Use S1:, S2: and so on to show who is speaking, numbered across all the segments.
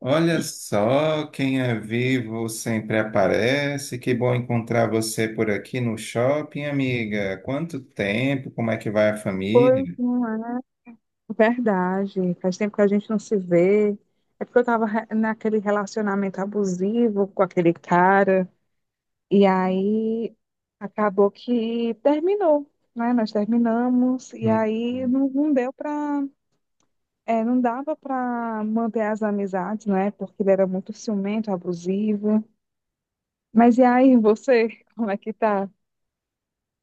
S1: Olha só, quem é vivo sempre aparece. Que bom encontrar você por aqui no shopping, amiga. Quanto tempo? Como é que vai a
S2: Pois
S1: família?
S2: não é verdade. Faz tempo que a gente não se vê. É porque eu tava naquele relacionamento abusivo com aquele cara. E aí acabou que terminou, né? Nós terminamos. E
S1: Hum.
S2: aí não deu pra. Não dava pra manter as amizades, né? Porque ele era muito ciumento, abusivo. Mas e aí, você, como é que tá?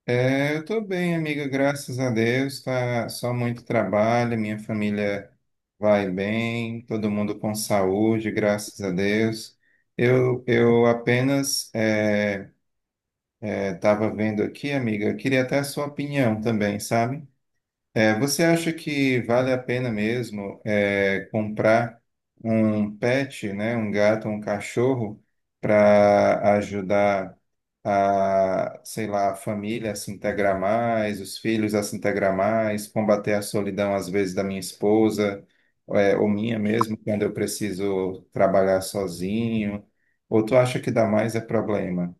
S1: É, eu tô bem, amiga, graças a Deus. Tá só muito trabalho, minha família vai bem, todo mundo com saúde, graças a Deus. Eu apenas estava vendo aqui, amiga, eu queria até a sua opinião também, sabe? É, você acha que vale a pena mesmo é, comprar um pet, né, um gato, um cachorro, para ajudar a, sei lá, a família a se integrar mais, os filhos a se integrar mais, combater a solidão às vezes da minha esposa, é, ou minha mesmo, quando eu preciso trabalhar sozinho? Ou tu acha que dá mais é problema?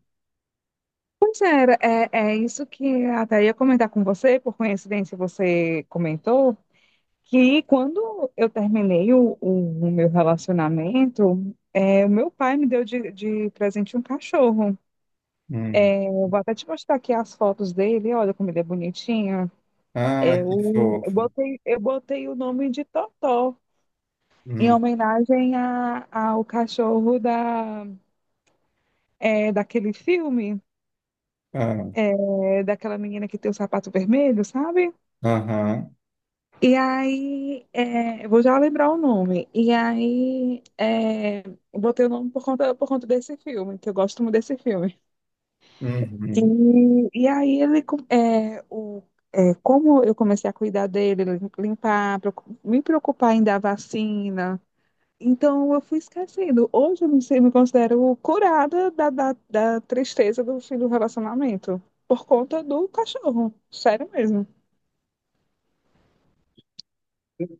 S2: Pois é, é isso que até ia comentar com você, por coincidência você comentou. Que quando eu terminei o meu relacionamento, o meu pai me deu de presente um cachorro.
S1: Hum.
S2: Eu vou até te mostrar aqui as fotos dele, olha como ele é bonitinho.
S1: Ah, que
S2: Eu, eu
S1: fofo.
S2: botei, eu botei o nome de Totó, em
S1: Hum.
S2: homenagem ao cachorro daquele filme,
S1: Ah,
S2: daquela menina que tem o sapato vermelho, sabe?
S1: aham.
S2: E aí, eu vou já lembrar o nome. E aí, eu botei o nome por conta desse filme, que eu gosto muito desse filme.
S1: Uhum.
S2: E aí, ele, com- é, o, é, como eu comecei a cuidar dele, limpar, me preocupar em dar vacina. Então, eu fui esquecendo. Hoje, eu me considero curada da tristeza do fim do relacionamento, por conta do cachorro. Sério mesmo.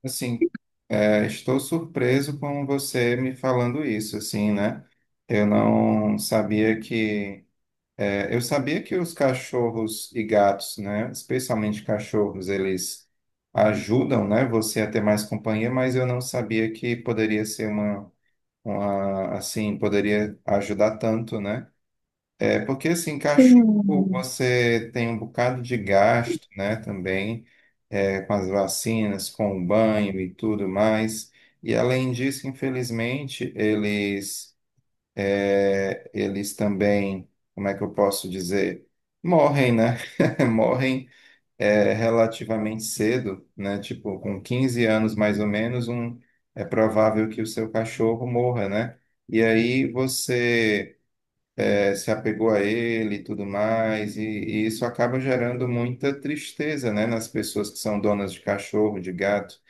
S1: Assim, é, estou surpreso com você me falando isso, assim, né? Eu não sabia que. É, eu sabia que os cachorros e gatos, né? Especialmente cachorros, eles ajudam, né? Você a ter mais companhia, mas eu não sabia que poderia ser uma, assim, poderia ajudar tanto, né? É porque, assim, cachorro,
S2: Sim,
S1: você tem um bocado de gasto, né, também, é, com as vacinas, com o banho e tudo mais. E, além disso, infelizmente, eles, é, eles também, como é que eu posso dizer? Morrem, né? Morrem, é, relativamente cedo, né? Tipo, com 15 anos, mais ou menos, um, é provável que o seu cachorro morra, né? E aí você se apegou a ele e tudo mais, e isso acaba gerando muita tristeza, né, nas pessoas que são donas de cachorro, de gato.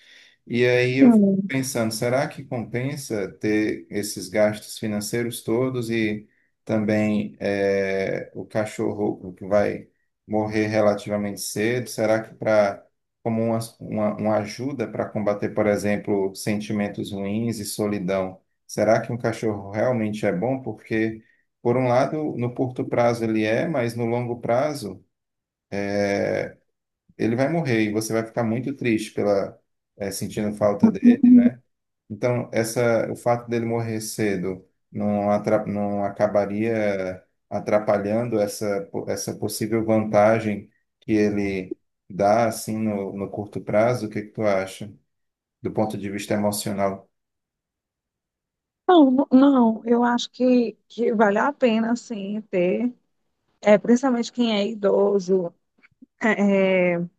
S1: E aí eu fico
S2: sim.
S1: pensando, será que compensa ter esses gastos financeiros todos e também o cachorro que vai morrer relativamente cedo? Será que para como uma ajuda para combater, por exemplo, sentimentos ruins e solidão, será que um cachorro realmente é bom? Porque, por um lado, no curto prazo ele é, mas no longo prazo ele vai morrer e você vai ficar muito triste pela sentindo falta dele, né? Então, essa, o fato dele morrer cedo não, não acabaria atrapalhando essa possível vantagem que ele dá assim no, no curto prazo? O que que tu acha, do ponto de vista emocional?
S2: Não, não, não, eu acho que vale a pena, sim, ter, principalmente quem é idoso, é, é,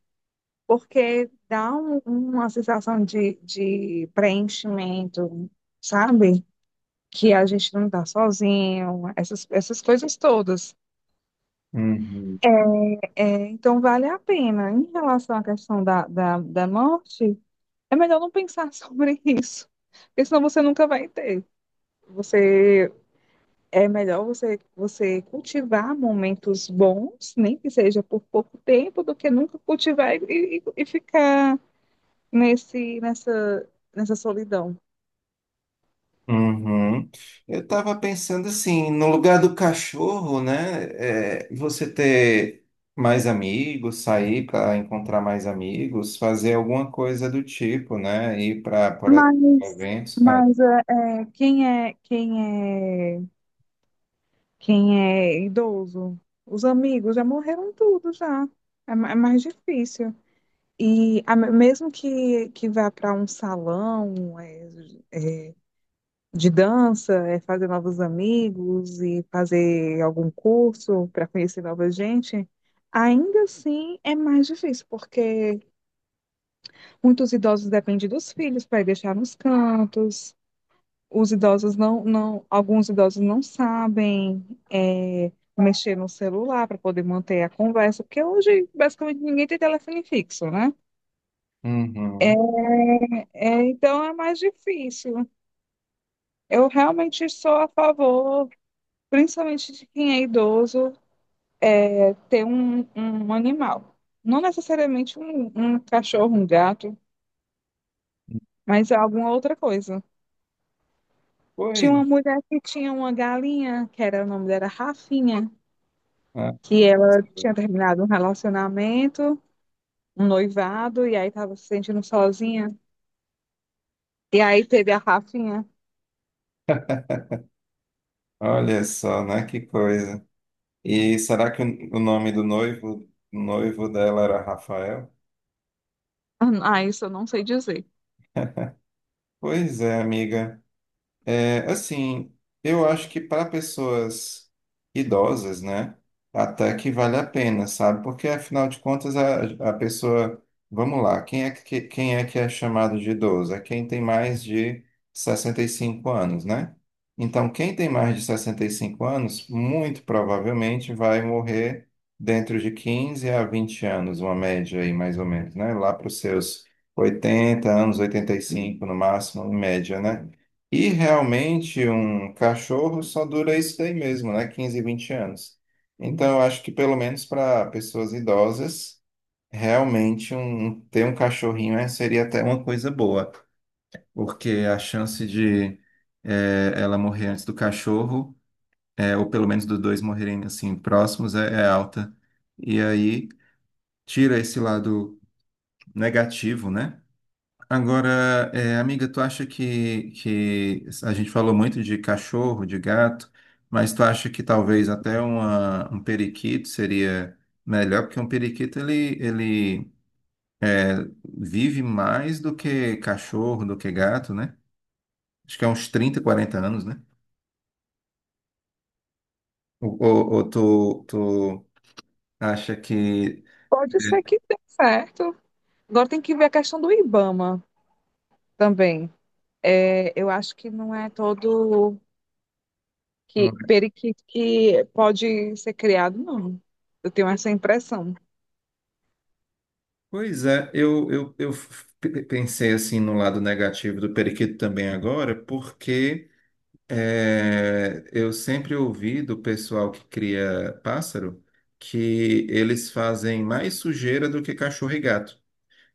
S2: porque dá uma sensação de preenchimento, sabe? Que a gente não está sozinho, essas coisas todas.
S1: Uhum.
S2: Então, vale a pena. Em relação à questão da morte, é melhor não pensar sobre isso, porque senão você nunca vai ter. Você é melhor você cultivar momentos bons, nem que seja por pouco tempo, do que nunca cultivar e ficar nesse, nessa, nessa solidão.
S1: Uhum. Eu estava pensando assim, no lugar do cachorro, né? É, você ter mais amigos, sair para encontrar mais amigos, fazer alguma coisa do tipo, né? Ir para, por exemplo,
S2: Mas,
S1: eventos.
S2: mas quem é, quem é, quem é idoso? Os amigos já morreram tudo já. É mais difícil. E mesmo que vá para um salão, de dança, fazer novos amigos e fazer algum curso para conhecer nova gente, ainda assim é mais difícil, porque muitos idosos dependem dos filhos para deixar nos cantos. Os idosos não, alguns idosos não sabem mexer no celular para poder manter a conversa, porque hoje basicamente ninguém tem telefone fixo, né?
S1: Uhum.
S2: Então é mais difícil. Eu realmente sou a favor, principalmente de quem é idoso, ter um animal. Não necessariamente um cachorro, um gato, mas alguma outra coisa.
S1: Pois,
S2: Tinha uma mulher que tinha uma galinha, que era o nome dela Rafinha,
S1: né?
S2: que ela tinha terminado um relacionamento, um noivado, e aí estava se sentindo sozinha. E aí teve a Rafinha.
S1: Olha só, né? Que coisa. E será que o nome do noivo, noivo dela era Rafael?
S2: Ah, isso eu não sei dizer.
S1: Pois é, amiga. É, assim, eu acho que para pessoas idosas, né, até que vale a pena, sabe? Porque afinal de contas a pessoa, vamos lá, quem é que é chamado de idoso? É quem tem mais de 65 anos, né? Então, quem tem mais de 65 anos, muito provavelmente vai morrer dentro de 15 a 20 anos, uma média aí mais ou menos, né? Lá para os seus 80 anos, 85 no máximo, em média, né? E realmente um cachorro só dura isso daí mesmo, né? 15, 20 anos. Então, eu acho que pelo menos para pessoas idosas, realmente ter um cachorrinho é- seria até uma coisa boa, porque a chance de ela morrer antes do cachorro, ou pelo menos dos dois morrerem assim próximos, é, é alta. E aí tira esse lado negativo, né? Agora, é, amiga, tu acha que a gente falou muito de cachorro, de gato, mas tu acha que talvez até um periquito seria melhor? Porque um periquito ele vive mais do que cachorro, do que gato, né? Acho que é uns 30 40 anos, né? Ou tu acha que.
S2: Pode ser que dê certo. Agora tem que ver a questão do Ibama também. Eu acho que não é todo
S1: Não.
S2: que periquito que pode ser criado, não. Eu tenho essa impressão.
S1: Pois é, eu pensei assim no lado negativo do periquito também agora, porque. É, eu sempre ouvi do pessoal que cria pássaro que eles fazem mais sujeira do que cachorro e gato,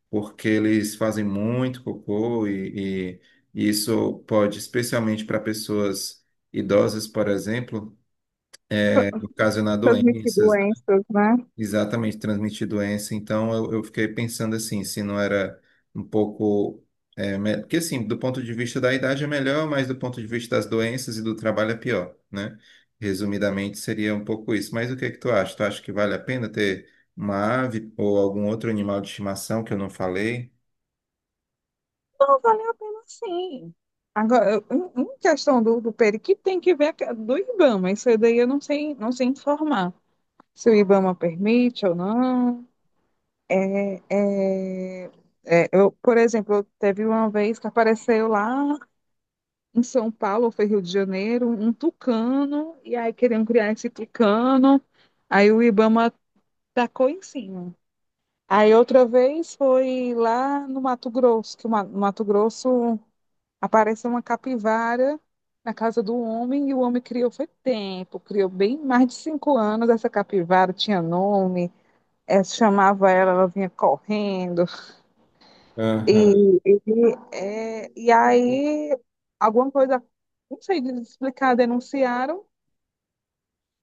S1: porque eles fazem muito cocô e isso pode, especialmente para pessoas idosas, por exemplo, é, ocasionar
S2: Transmitir
S1: doenças.
S2: doenças, né?
S1: Exatamente, transmitir doença. Então, eu fiquei pensando assim, se não era um pouco. É, me- porque, assim, do ponto de vista da idade é melhor, mas do ponto de vista das doenças e do trabalho é pior, né? Resumidamente, seria um pouco isso. Mas o que é que tu acha? Tu acha que vale a pena ter uma ave ou algum outro animal de estimação que eu não falei?
S2: Não valeu a pena sim. Agora, em questão do periquito, tem que ver do IBAMA. Isso daí eu não sei, não sei informar. Se o IBAMA permite ou não. É, eu, por exemplo, teve uma vez que apareceu lá em São Paulo, ou foi Rio de Janeiro, um tucano, e aí queriam criar esse tucano, aí o IBAMA tacou em cima. Aí outra vez foi lá no Mato Grosso, no Mato Grosso apareceu uma capivara na casa do homem e o homem criou foi tempo, criou bem mais de 5 anos essa capivara, tinha nome, chamava ela, ela vinha correndo
S1: Aham.
S2: e, e, e aí alguma coisa, não sei explicar, denunciaram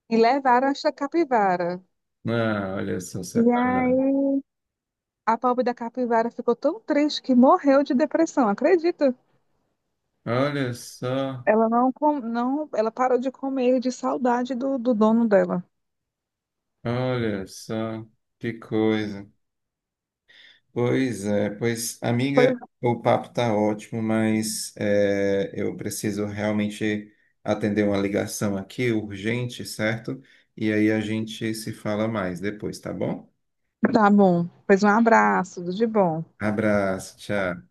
S2: e levaram essa capivara.
S1: Ah, olha só,
S2: E aí
S1: separado.
S2: a pobre da capivara ficou tão triste que morreu de depressão, acredita?
S1: Olha só,
S2: Ela não, não, ela parou de comer de saudade do dono dela.
S1: olha só, que coisa. Pois é, pois, amiga, o papo tá ótimo, mas é, eu preciso realmente atender uma ligação aqui, urgente, certo? E aí a gente se fala mais depois, tá bom?
S2: Tá bom. Pois um abraço, tudo de bom.
S1: Abraço, tchau.